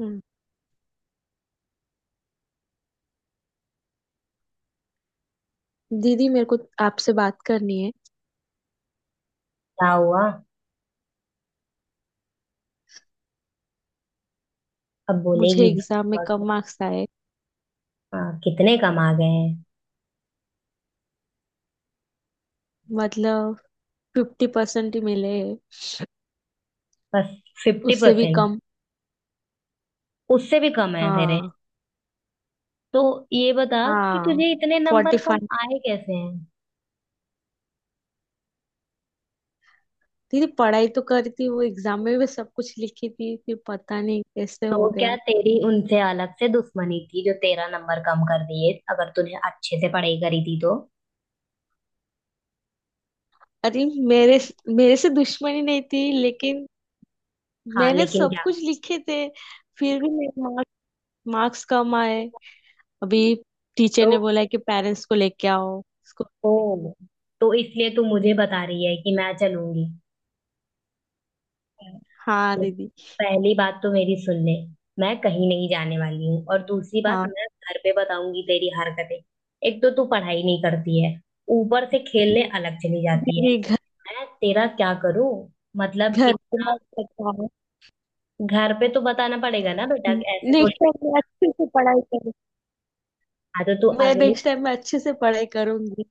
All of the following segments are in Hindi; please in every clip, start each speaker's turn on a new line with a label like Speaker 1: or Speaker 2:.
Speaker 1: हम्म। दीदी मेरे को आपसे बात करनी है।
Speaker 2: क्या हुआ। अब
Speaker 1: मुझे
Speaker 2: बोलेगी भी।
Speaker 1: एग्जाम में
Speaker 2: हुआ
Speaker 1: कम
Speaker 2: क्या?
Speaker 1: मार्क्स आए।
Speaker 2: हाँ, कितने कम आ गए हैं।
Speaker 1: मतलब 50% ही मिले।
Speaker 2: बस फिफ्टी
Speaker 1: उससे भी
Speaker 2: परसेंट
Speaker 1: कम।
Speaker 2: उससे भी कम है तेरे।
Speaker 1: हाँ।
Speaker 2: तो ये बता कि
Speaker 1: हाँ।
Speaker 2: तुझे इतने नंबर
Speaker 1: फोर्टी
Speaker 2: कम
Speaker 1: फाइव
Speaker 2: आए कैसे हैं।
Speaker 1: दीदी, पढ़ाई तो करी थी, वो एग्जाम में भी सब कुछ लिखी थी, फिर पता नहीं कैसे
Speaker 2: तो
Speaker 1: हो
Speaker 2: क्या
Speaker 1: गया।
Speaker 2: तेरी उनसे अलग से दुश्मनी थी जो तेरा नंबर कम कर दिए, अगर तूने अच्छे से पढ़ाई करी थी तो।
Speaker 1: अरे मेरे मेरे से दुश्मनी नहीं थी, लेकिन
Speaker 2: हाँ
Speaker 1: मैंने
Speaker 2: लेकिन
Speaker 1: सब
Speaker 2: क्या।
Speaker 1: कुछ लिखे थे, फिर भी मेरे मार्क्स मार्क्स कम आए। अभी टीचर
Speaker 2: तो
Speaker 1: ने बोला है कि पेरेंट्स को लेके आओ स्कूल।
Speaker 2: ओ, तो इसलिए तू मुझे बता रही है कि मैं चलूंगी।
Speaker 1: हाँ
Speaker 2: देख,
Speaker 1: दीदी।
Speaker 2: पहली बात तो मेरी सुन ले, मैं कहीं नहीं जाने वाली हूँ और दूसरी बात
Speaker 1: हाँ
Speaker 2: मैं घर पे बताऊंगी तेरी हरकतें। एक तो तू पढ़ाई नहीं करती है, ऊपर से खेलने अलग चली जाती है।
Speaker 1: जी। घर
Speaker 2: मैं तेरा क्या करूं। मतलब
Speaker 1: घर
Speaker 2: कि
Speaker 1: पे मत बताओ।
Speaker 2: घर पे तो बताना पड़ेगा ना बेटा, ऐसे
Speaker 1: नेक्स्ट
Speaker 2: थोड़ी।
Speaker 1: टाइम मैं अच्छे से पढ़ाई करूंगी।
Speaker 2: हाँ तो तू
Speaker 1: मैं
Speaker 2: अगली।
Speaker 1: नेक्स्ट टाइम मैं अच्छे से पढ़ाई करूंगी।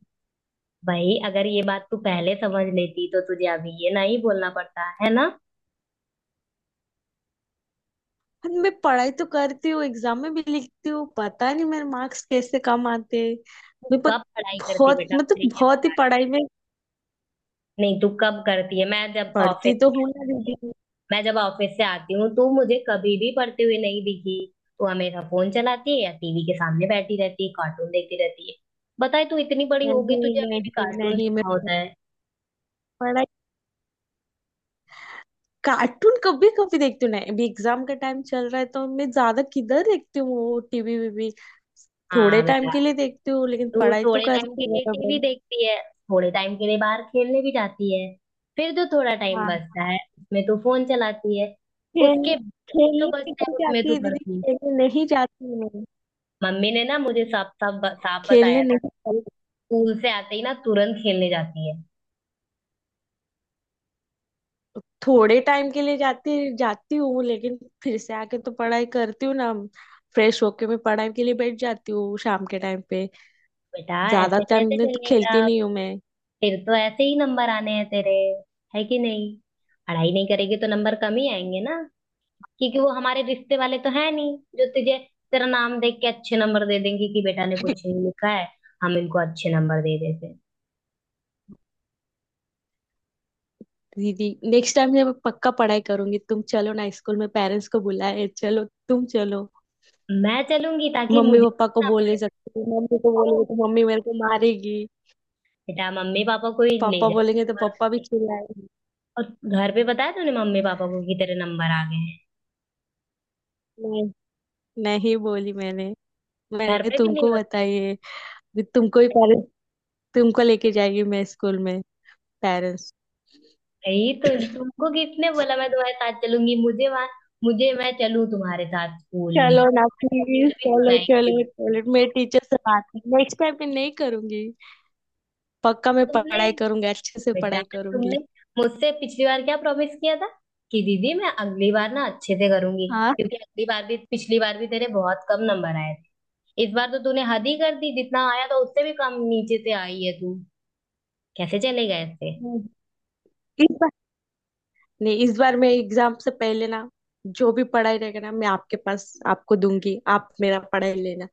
Speaker 2: भाई अगर ये बात तू पहले समझ लेती तो तुझे अभी ये नहीं बोलना पड़ता है ना।
Speaker 1: और मैं पढ़ाई तो करती हूँ, एग्जाम में भी लिखती हूँ, पता नहीं मेरे मार्क्स कैसे कम आते हैं।
Speaker 2: तू
Speaker 1: मैं पर
Speaker 2: कब पढ़ाई करती है
Speaker 1: बहुत,
Speaker 2: बेटा, मुझे
Speaker 1: मतलब,
Speaker 2: ये
Speaker 1: बहुत ही
Speaker 2: बता।
Speaker 1: पढ़ाई में।
Speaker 2: नहीं तू कब करती है, मैं जब ऑफिस।
Speaker 1: पढ़ती तो हूँ ना दीदी।
Speaker 2: मैं जब ऑफिस से आती हूँ तू मुझे कभी भी पढ़ते हुए नहीं दिखी। तू हमेशा फोन चलाती है या टीवी के सामने बैठी रहती है, कार्टून देखती रहती है। बताए तू इतनी बड़ी हो गई,
Speaker 1: नहीं,
Speaker 2: तुझे अभी भी
Speaker 1: नहीं,
Speaker 2: कार्टून
Speaker 1: नहीं, मैं
Speaker 2: देखना होता है।
Speaker 1: पढ़ाई, कार्टून कभी कभी देखती हूँ ना। अभी एग्जाम का टाइम चल रहा है तो मैं ज्यादा किधर देखती हूँ टीवी वीवी। थोड़े
Speaker 2: हाँ
Speaker 1: टाइम
Speaker 2: बेटा।
Speaker 1: के लिए देखती हूँ, लेकिन
Speaker 2: तू
Speaker 1: पढ़ाई तो
Speaker 2: थोड़े टाइम
Speaker 1: करती
Speaker 2: के लिए टीवी
Speaker 1: हूँ।
Speaker 2: देखती है, थोड़े टाइम के लिए बाहर खेलने भी जाती है, फिर जो थोड़ा टाइम
Speaker 1: हाँ,
Speaker 2: बचता है उसमें तू फोन चलाती है।
Speaker 1: खेल
Speaker 2: उसके बाद जो
Speaker 1: खेलने
Speaker 2: बचता
Speaker 1: निकल
Speaker 2: है उसमें
Speaker 1: जाती
Speaker 2: तू
Speaker 1: है दीदी।
Speaker 2: पढ़ती है।
Speaker 1: खेलने नहीं जाती हूँ मैं,
Speaker 2: मम्मी ने ना मुझे साफ साफ साफ
Speaker 1: खेलने
Speaker 2: बताया था,
Speaker 1: नहीं
Speaker 2: तू
Speaker 1: जाती
Speaker 2: स्कूल से आते ही ना तुरंत खेलने जाती है।
Speaker 1: हूँ। थोड़े टाइम के लिए जाती जाती हूँ, लेकिन फिर से आके तो पढ़ाई करती हूँ ना। फ्रेश होके मैं पढ़ाई के लिए बैठ जाती हूँ शाम के टाइम पे।
Speaker 2: बेटा
Speaker 1: ज्यादा
Speaker 2: ऐसे
Speaker 1: टाइम
Speaker 2: कैसे
Speaker 1: में तो खेलती
Speaker 2: चलेगा,
Speaker 1: नहीं हूँ मैं।
Speaker 2: फिर तो ऐसे ही नंबर आने हैं तेरे, है कि नहीं। पढ़ाई नहीं करेगी तो नंबर कम ही आएंगे ना, क्योंकि वो हमारे रिश्ते वाले तो है नहीं जो तुझे तेरा नाम देख के अच्छे नंबर दे देंगे कि बेटा ने कुछ नहीं लिखा है, हम इनको अच्छे नंबर दे देते हैं।
Speaker 1: दीदी, नेक्स्ट टाइम से मैं पक्का पढ़ाई करूंगी। तुम चलो ना स्कूल में, पेरेंट्स को बुलाए। चलो तुम, चलो।
Speaker 2: मैं चलूंगी ताकि
Speaker 1: मम्मी
Speaker 2: मुझे
Speaker 1: पापा को
Speaker 2: ना
Speaker 1: बोल
Speaker 2: पड़े।
Speaker 1: नहीं सकती। मम्मी को
Speaker 2: तो
Speaker 1: बोलेंगे तो मम्मी मेरे को मारेगी।
Speaker 2: बेटा मम्मी पापा को ही ले
Speaker 1: पापा
Speaker 2: जाए।
Speaker 1: बोलेंगे तो
Speaker 2: और
Speaker 1: पापा भी चिल्लाएंगे।
Speaker 2: और घर पे बताया तूने मम्मी पापा को कि तेरे नंबर आ गए हैं।
Speaker 1: नहीं बोली मैंने
Speaker 2: घर
Speaker 1: मैंने
Speaker 2: पे भी नहीं।
Speaker 1: तुमको बताई है कि तुमको ही पेरेंट्स, तुमको लेके जाएगी मैं स्कूल में पेरेंट्स।
Speaker 2: नहीं तो तुमको किसने बोला मैं तुम्हारे साथ चलूंगी, मुझे वहां। मुझे मैं चलूं तुम्हारे साथ स्कूल में।
Speaker 1: चलो ना, प्लीज,
Speaker 2: फिर भी
Speaker 1: चलो,
Speaker 2: सुनाई।
Speaker 1: चलो, चलो। मैं टीचर से बात। नेक्स्ट टाइम मैं नहीं करूंगी, पक्का मैं
Speaker 2: तुमने
Speaker 1: पढ़ाई करूंगी, अच्छे से
Speaker 2: बेटा,
Speaker 1: पढ़ाई
Speaker 2: तुमने
Speaker 1: करूंगी।
Speaker 2: मुझसे पिछली बार क्या प्रॉमिस किया था कि दीदी मैं अगली बार ना अच्छे से करूंगी।
Speaker 1: हाँ।
Speaker 2: क्योंकि अगली बार भी पिछली बार भी तेरे बहुत कम नंबर आए थे, इस बार तो तूने हद ही कर दी, जितना आया था उससे भी कम नीचे से आई है तू। कैसे चलेगा ऐसे।
Speaker 1: इस बार नहीं, इस बार मैं एग्जाम से पहले ना, जो भी पढ़ाई रहेगा ना मैं आपके पास आपको दूंगी, आप मेरा पढ़ाई लेना।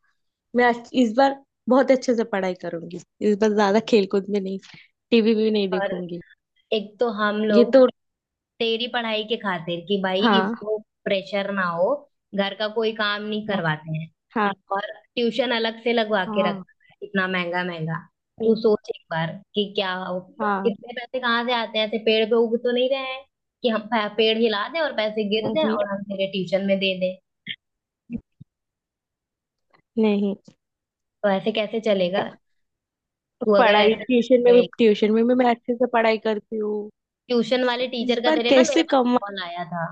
Speaker 1: इस बार बहुत अच्छे से पढ़ाई करूंगी। इस बार ज्यादा खेलकूद में नहीं, टीवी भी नहीं
Speaker 2: और
Speaker 1: देखूंगी।
Speaker 2: एक तो हम
Speaker 1: ये
Speaker 2: लोग
Speaker 1: तो।
Speaker 2: तेरी पढ़ाई के खातिर कि भाई
Speaker 1: हाँ,
Speaker 2: इसको प्रेशर ना हो, घर का कोई काम नहीं करवाते हैं।
Speaker 1: हाँ,
Speaker 2: और ट्यूशन अलग से लगवा के
Speaker 1: हाँ,
Speaker 2: रखना है इतना महंगा महंगा। तू सोच एक बार कि क्या
Speaker 1: हाँ।
Speaker 2: इतने पैसे कहाँ से आते हैं, ऐसे पेड़ पे उग तो नहीं रहे हैं कि पेड़ हिला दें और पैसे गिर जाएं
Speaker 1: वही।
Speaker 2: और हम तेरे ट्यूशन में दे दें।
Speaker 1: नहीं।
Speaker 2: तो ऐसे कैसे चलेगा। तू अगर
Speaker 1: पढ़ाई,
Speaker 2: ऐसे ही
Speaker 1: ट्यूशन में भी
Speaker 2: गए।
Speaker 1: ट्यूशन में भी मैं अच्छे से पढ़ाई करती हूँ।
Speaker 2: ट्यूशन वाले टीचर
Speaker 1: इस
Speaker 2: का
Speaker 1: बार
Speaker 2: तेरे ना मेरे
Speaker 1: कैसे
Speaker 2: पास
Speaker 1: कमाऊँ
Speaker 2: कॉल आया था।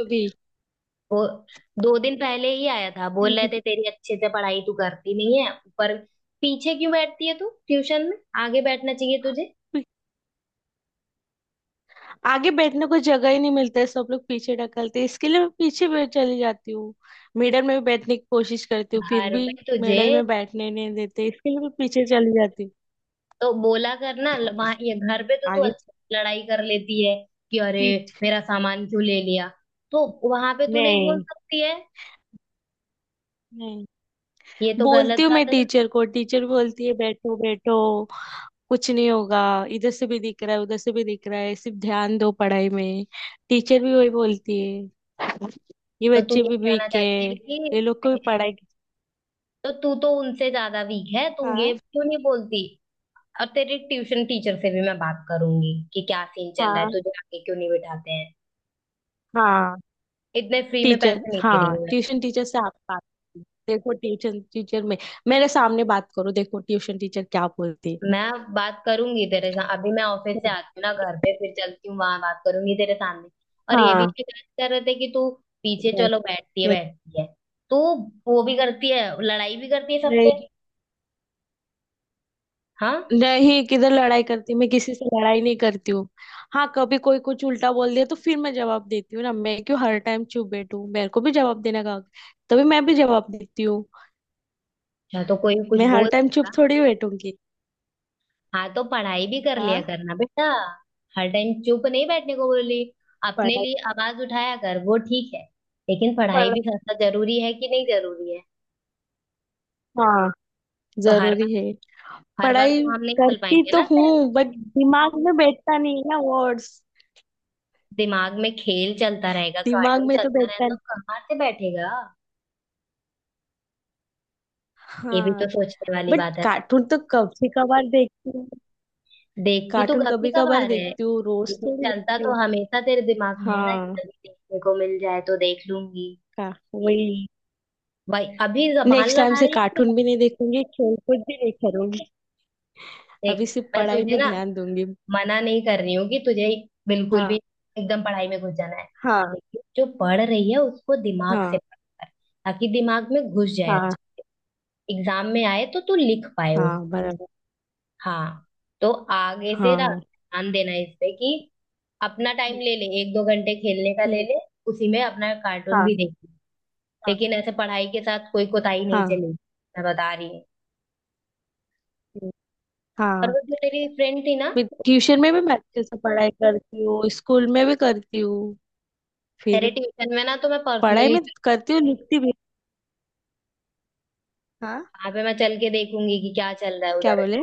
Speaker 1: अभी।
Speaker 2: वो 2 दिन पहले ही आया था, बोल रहे थे तेरी अच्छे से पढ़ाई तू करती नहीं है ऊपर। पीछे क्यों बैठती है तू ट्यूशन में, आगे बैठना चाहिए तुझे।
Speaker 1: आगे बैठने को जगह ही नहीं मिलता है, सब लोग पीछे ढकलते हैं। इसके लिए मैं पीछे बैठ चली जाती हूँ। मिडल में भी बैठने की कोशिश करती हूँ, फिर
Speaker 2: घर
Speaker 1: भी
Speaker 2: पे तुझे
Speaker 1: मिडल में बैठने नहीं देते। इसके लिए मैं पीछे चली जाती हूँ।
Speaker 2: तो बोला करना वहाँ, ये घर पे तो तू
Speaker 1: आगे।
Speaker 2: अच्छे से लड़ाई कर लेती है कि अरे
Speaker 1: टीच
Speaker 2: मेरा सामान क्यों ले लिया, तो वहां पे तू नहीं बोल
Speaker 1: नहीं,
Speaker 2: सकती है।
Speaker 1: नहीं,
Speaker 2: ये तो गलत
Speaker 1: बोलती हूँ
Speaker 2: बात
Speaker 1: मैं
Speaker 2: है ना।
Speaker 1: टीचर को, टीचर बोलती है बैठो, बैठो, कुछ नहीं होगा, इधर से भी दिख रहा है उधर से भी दिख रहा है, सिर्फ ध्यान दो पढ़ाई में। टीचर भी वही बोलती है, ये
Speaker 2: तो तू
Speaker 1: बच्चे
Speaker 2: ये
Speaker 1: भी
Speaker 2: कहना
Speaker 1: वीक है,
Speaker 2: चाहती है कि
Speaker 1: ये लोग को भी पढ़ाई की-।
Speaker 2: तो तू तो उनसे ज्यादा वीक है, तू ये
Speaker 1: हाँ,
Speaker 2: क्यों नहीं बोलती। और तेरे ट्यूशन टीचर से भी मैं बात करूंगी कि क्या सीन चल रहा है,
Speaker 1: हाँ,
Speaker 2: तुझे आगे क्यों नहीं बिठाते हैं,
Speaker 1: हाँ।
Speaker 2: इतने फ्री में
Speaker 1: टीचर,
Speaker 2: पैसे नहीं दे
Speaker 1: हाँ,
Speaker 2: रही।
Speaker 1: ट्यूशन टीचर से आप बात कीजिए। देखो ट्यूशन टीचर में, मेरे सामने बात करो, देखो ट्यूशन टीचर क्या बोलती
Speaker 2: मैं बात करूंगी तेरे साथ, अभी मैं ऑफिस
Speaker 1: है।
Speaker 2: से आती हूँ ना, घर पे फिर चलती हूँ, वहां बात करूंगी तेरे सामने। और ये भी
Speaker 1: हाँ।
Speaker 2: शिकायत कर रहे थे कि तू पीछे चलो बैठती है बैठती है, तू वो भी करती है, लड़ाई भी करती है सबसे।
Speaker 1: यस।
Speaker 2: हाँ।
Speaker 1: नहीं, किधर लड़ाई करती, मैं किसी से लड़ाई नहीं करती हूँ। हाँ, कभी कोई कुछ उल्टा बोल दिया तो फिर मैं जवाब देती हूँ ना। मैं क्यों हर टाइम चुप बैठूं, मेरे को भी जवाब देने का हक-। तभी मैं भी जवाब देती हूँ।
Speaker 2: अच्छा तो कोई कुछ
Speaker 1: मैं हर
Speaker 2: बोल
Speaker 1: टाइम चुप
Speaker 2: सकता।
Speaker 1: थोड़ी बैठूंगी।
Speaker 2: हाँ तो पढ़ाई भी कर लिया
Speaker 1: हाँ।
Speaker 2: करना बेटा, हर टाइम चुप नहीं बैठने को बोली, अपने
Speaker 1: पढ़ाई।
Speaker 2: लिए आवाज उठाया कर वो ठीक है। लेकिन पढ़ाई
Speaker 1: पढ़
Speaker 2: भी करना जरूरी है कि नहीं, जरूरी है।
Speaker 1: हाँ,
Speaker 2: तो
Speaker 1: जरूरी है।
Speaker 2: हर बार
Speaker 1: पढ़ाई
Speaker 2: तो हम नहीं चल
Speaker 1: करती
Speaker 2: पाएंगे
Speaker 1: तो
Speaker 2: ना तेरे।
Speaker 1: हूँ बट दिमाग में बैठता नहीं है ना, वर्ड्स
Speaker 2: दिमाग में खेल चलता रहेगा
Speaker 1: दिमाग
Speaker 2: कार्टून
Speaker 1: में तो
Speaker 2: चलता
Speaker 1: बैठता
Speaker 2: रहेगा
Speaker 1: नहीं।
Speaker 2: तो कहाँ से बैठेगा, ये भी
Speaker 1: हाँ।
Speaker 2: तो सोचने वाली
Speaker 1: बट
Speaker 2: बात है।
Speaker 1: कार्टून तो कभी कभार देखती हूँ,
Speaker 2: देखती तो
Speaker 1: कार्टून
Speaker 2: काफी
Speaker 1: कभी कभार
Speaker 2: कभार है,
Speaker 1: देखती हूँ, रोज
Speaker 2: लेकिन
Speaker 1: थोड़ी
Speaker 2: चलता
Speaker 1: देखती हूँ।
Speaker 2: तो हमेशा तेरे दिमाग में है ना कि
Speaker 1: हाँ।
Speaker 2: कभी देखने को मिल जाए तो देख लूंगी।
Speaker 1: का वही।
Speaker 2: भाई अभी जबान
Speaker 1: नेक्स्ट टाइम
Speaker 2: लड़ा
Speaker 1: से
Speaker 2: रही है
Speaker 1: कार्टून
Speaker 2: तेरे?
Speaker 1: भी नहीं देखूंगी, खेलकूद भी नहीं करूंगी, अभी
Speaker 2: देख,
Speaker 1: सिर्फ
Speaker 2: मैं
Speaker 1: पढ़ाई
Speaker 2: तुझे
Speaker 1: में
Speaker 2: ना
Speaker 1: ध्यान दूंगी।
Speaker 2: मना नहीं कर रही हूँ कि तुझे बिल्कुल भी
Speaker 1: हाँ।
Speaker 2: एकदम पढ़ाई में घुस जाना है,
Speaker 1: हाँ।
Speaker 2: लेकिन जो पढ़ रही है उसको दिमाग से
Speaker 1: हाँ।
Speaker 2: पढ़ कर, ताकि दिमाग में घुस जाए।
Speaker 1: हाँ।
Speaker 2: अच्छा, एग्जाम में आए तो तू लिख पाए।
Speaker 1: हाँ बराबर।
Speaker 2: हाँ, तो आगे से ना
Speaker 1: हाँ।
Speaker 2: ध्यान देना इस पे कि अपना टाइम
Speaker 1: हम्म।
Speaker 2: ले ले, एक दो घंटे खेलने का ले
Speaker 1: हम्म।
Speaker 2: ले, उसी में अपना कार्टून
Speaker 1: हाँ।
Speaker 2: भी देख ले।
Speaker 1: हाँ।
Speaker 2: लेकिन ऐसे पढ़ाई के साथ कोई कोताही नहीं
Speaker 1: हाँ।
Speaker 2: चलेगी, मैं बता रही हूँ।
Speaker 1: हम्म।
Speaker 2: और
Speaker 1: हाँ।
Speaker 2: वो जो मेरी फ्रेंड थी ना,
Speaker 1: मैं ट्यूशन में भी मैं अच्छे से पढ़ाई करती हूँ, स्कूल में भी करती हूँ,
Speaker 2: मेरे
Speaker 1: फिर
Speaker 2: ट्यूशन में ना तो मैं
Speaker 1: पढ़ाई
Speaker 2: पर्सनली
Speaker 1: में करती हूँ, लिखती भी। हाँ।
Speaker 2: वहां पे मैं चल के देखूंगी कि क्या चल रहा है
Speaker 1: क्या
Speaker 2: उधर।
Speaker 1: बोले।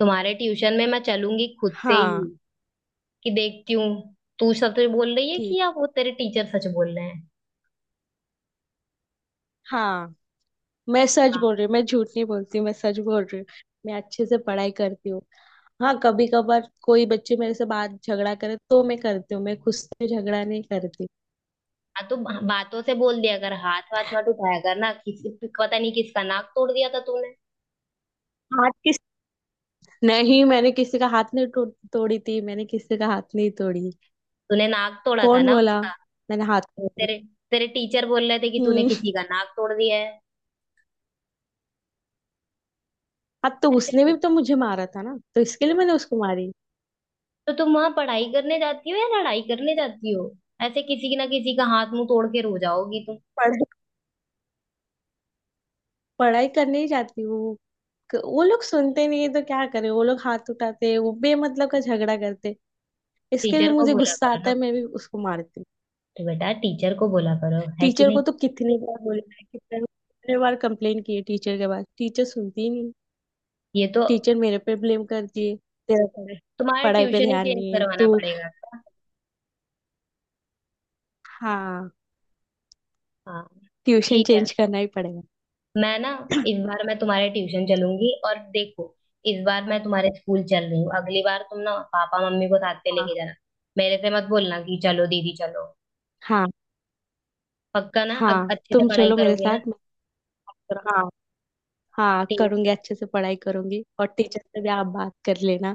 Speaker 2: तुम्हारे ट्यूशन में मैं चलूंगी खुद से ही
Speaker 1: हाँ।
Speaker 2: कि देखती हूँ तू सच बोल रही है
Speaker 1: ठीक।
Speaker 2: कि या वो तेरे टीचर सच बोल रहे हैं।
Speaker 1: हाँ। मैं सच बोल
Speaker 2: हाँ।
Speaker 1: रही हूँ, मैं झूठ नहीं बोलती, मैं सच बोल रही हूँ। मैं अच्छे से पढ़ाई करती हूँ। हाँ, कभी कभार कोई बच्चे मेरे से बात झगड़ा करे तो मैं करती हूँ, मैं खुद से झगड़ा नहीं करती।
Speaker 2: हाँ तो बातों से बोल दिया कर, हाथ वाथ मत उठाया कर ना किसी। पता नहीं किसका नाक तोड़ दिया था तूने।
Speaker 1: हाथ किस। नहीं, मैंने किसी का हाथ नहीं तोड़ी थी। मैंने किसी का हाथ नहीं तोड़ी।
Speaker 2: तूने नाक तोड़ा था
Speaker 1: कौन
Speaker 2: ना
Speaker 1: बोला?
Speaker 2: उसका।
Speaker 1: मैंने हाथ तोड़ी?
Speaker 2: तेरे तेरे टीचर बोल रहे थे कि तूने
Speaker 1: हम्म।
Speaker 2: किसी का नाक तोड़ दिया है।
Speaker 1: अब तो उसने
Speaker 2: ऐसे
Speaker 1: भी तो मुझे मारा था ना, तो इसके लिए मैंने उसको मारी।
Speaker 2: तो तुम वहां पढ़ाई करने जाती हो या लड़ाई करने जाती हो, ऐसे किसी ना किसी का हाथ मुंह तोड़ के रो जाओगी तुम।
Speaker 1: पढ़, पढ़ाई करने ही जाती हूँ। वो लोग सुनते नहीं है तो क्या करे, वो लोग हाथ उठाते, वो बेमतलब का झगड़ा करते, इसके लिए
Speaker 2: टीचर को
Speaker 1: मुझे
Speaker 2: बोला
Speaker 1: गुस्सा
Speaker 2: करो
Speaker 1: आता
Speaker 2: ना,
Speaker 1: है, मैं भी उसको मारती हूँ।
Speaker 2: तो बेटा टीचर को बोला करो, है कि
Speaker 1: टीचर को
Speaker 2: नहीं।
Speaker 1: तो कितनी बार बोला है, कितने कितने बार कंप्लेन की है टीचर के पास, टीचर सुनती ही नहीं।
Speaker 2: ये तो
Speaker 1: टीचर मेरे पे ब्लेम करती है, तेरा पढ़ाई
Speaker 2: तुम्हारा
Speaker 1: पढ़ाई पे
Speaker 2: ट्यूशन ही
Speaker 1: ध्यान
Speaker 2: चेंज
Speaker 1: नहीं है
Speaker 2: करवाना
Speaker 1: तू।
Speaker 2: पड़ेगा।
Speaker 1: हाँ।
Speaker 2: हाँ,
Speaker 1: ट्यूशन
Speaker 2: ठीक है,
Speaker 1: चेंज करना ही पड़ेगा।
Speaker 2: मैं ना इस बार मैं तुम्हारे ट्यूशन चलूंगी, और देखो, इस बार मैं तुम्हारे स्कूल चल रही हूँ, अगली बार तुम ना पापा मम्मी को साथ पे
Speaker 1: हाँ।
Speaker 2: लेके जाना, मेरे से मत बोलना कि चलो दीदी चलो।
Speaker 1: हाँ।
Speaker 2: पक्का ना,
Speaker 1: हाँ,
Speaker 2: अच्छे से
Speaker 1: तुम
Speaker 2: पढ़ाई
Speaker 1: चलो मेरे
Speaker 2: करोगी ना।
Speaker 1: साथ। मैं। हाँ। हाँ,
Speaker 2: ठीक
Speaker 1: करूंगी,
Speaker 2: है,
Speaker 1: अच्छे से पढ़ाई करूंगी। और टीचर से भी आप बात कर लेना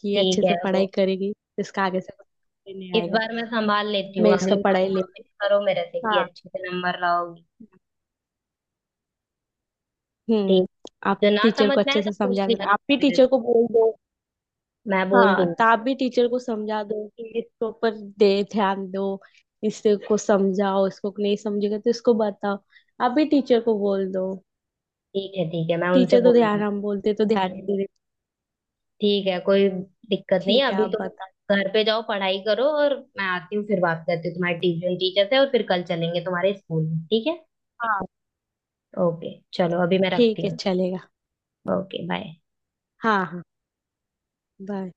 Speaker 1: कि ये अच्छे
Speaker 2: ठीक
Speaker 1: से
Speaker 2: है वो,
Speaker 1: पढ़ाई करेगी, इसका आगे से कुछ नहीं
Speaker 2: इस
Speaker 1: आएगा।
Speaker 2: बार मैं संभाल लेती हूँ,
Speaker 1: मैं
Speaker 2: अगली
Speaker 1: इसका
Speaker 2: बार
Speaker 1: पढ़ाई लेती
Speaker 2: प्रॉमिस करो मेरे से
Speaker 1: हूँ।
Speaker 2: कि
Speaker 1: हाँ।
Speaker 2: अच्छे से नंबर लाओगी।
Speaker 1: हम्म।
Speaker 2: ठीक।
Speaker 1: आप
Speaker 2: जो ना
Speaker 1: टीचर
Speaker 2: समझ
Speaker 1: को
Speaker 2: में आए
Speaker 1: अच्छे
Speaker 2: तो
Speaker 1: से
Speaker 2: पूछ
Speaker 1: समझा
Speaker 2: लिया
Speaker 1: देना, आप भी
Speaker 2: करो मेरे से।
Speaker 1: टीचर को बोल दो।
Speaker 2: मैं बोल
Speaker 1: हाँ, तो
Speaker 2: दूंगी।
Speaker 1: आप भी टीचर को समझा दो कि इसके ऊपर दे ध्यान दो, इससे को समझाओ, इसको नहीं समझेगा तो इसको बताओ, आप भी टीचर को बोल दो।
Speaker 2: ठीक है, ठीक है, मैं उनसे
Speaker 1: टीचर तो
Speaker 2: बोल
Speaker 1: ध्यान,
Speaker 2: दूंगी।
Speaker 1: हम बोलते तो ध्यान नहीं दे रहे।
Speaker 2: ठीक है कोई दिक्कत नहीं है,
Speaker 1: ठीक है,
Speaker 2: अभी
Speaker 1: आप
Speaker 2: तुम
Speaker 1: बता।
Speaker 2: घर पे जाओ पढ़ाई करो और मैं आती हूँ फिर बात करती हूँ तुम्हारे ट्यूशन टीचर से और फिर कल चलेंगे तुम्हारे स्कूल में, ठीक है।
Speaker 1: हाँ,
Speaker 2: ओके चलो अभी मैं
Speaker 1: ठीक
Speaker 2: रखती
Speaker 1: है,
Speaker 2: हूँ।
Speaker 1: चलेगा।
Speaker 2: Okay bye.
Speaker 1: हाँ। हाँ। बाय।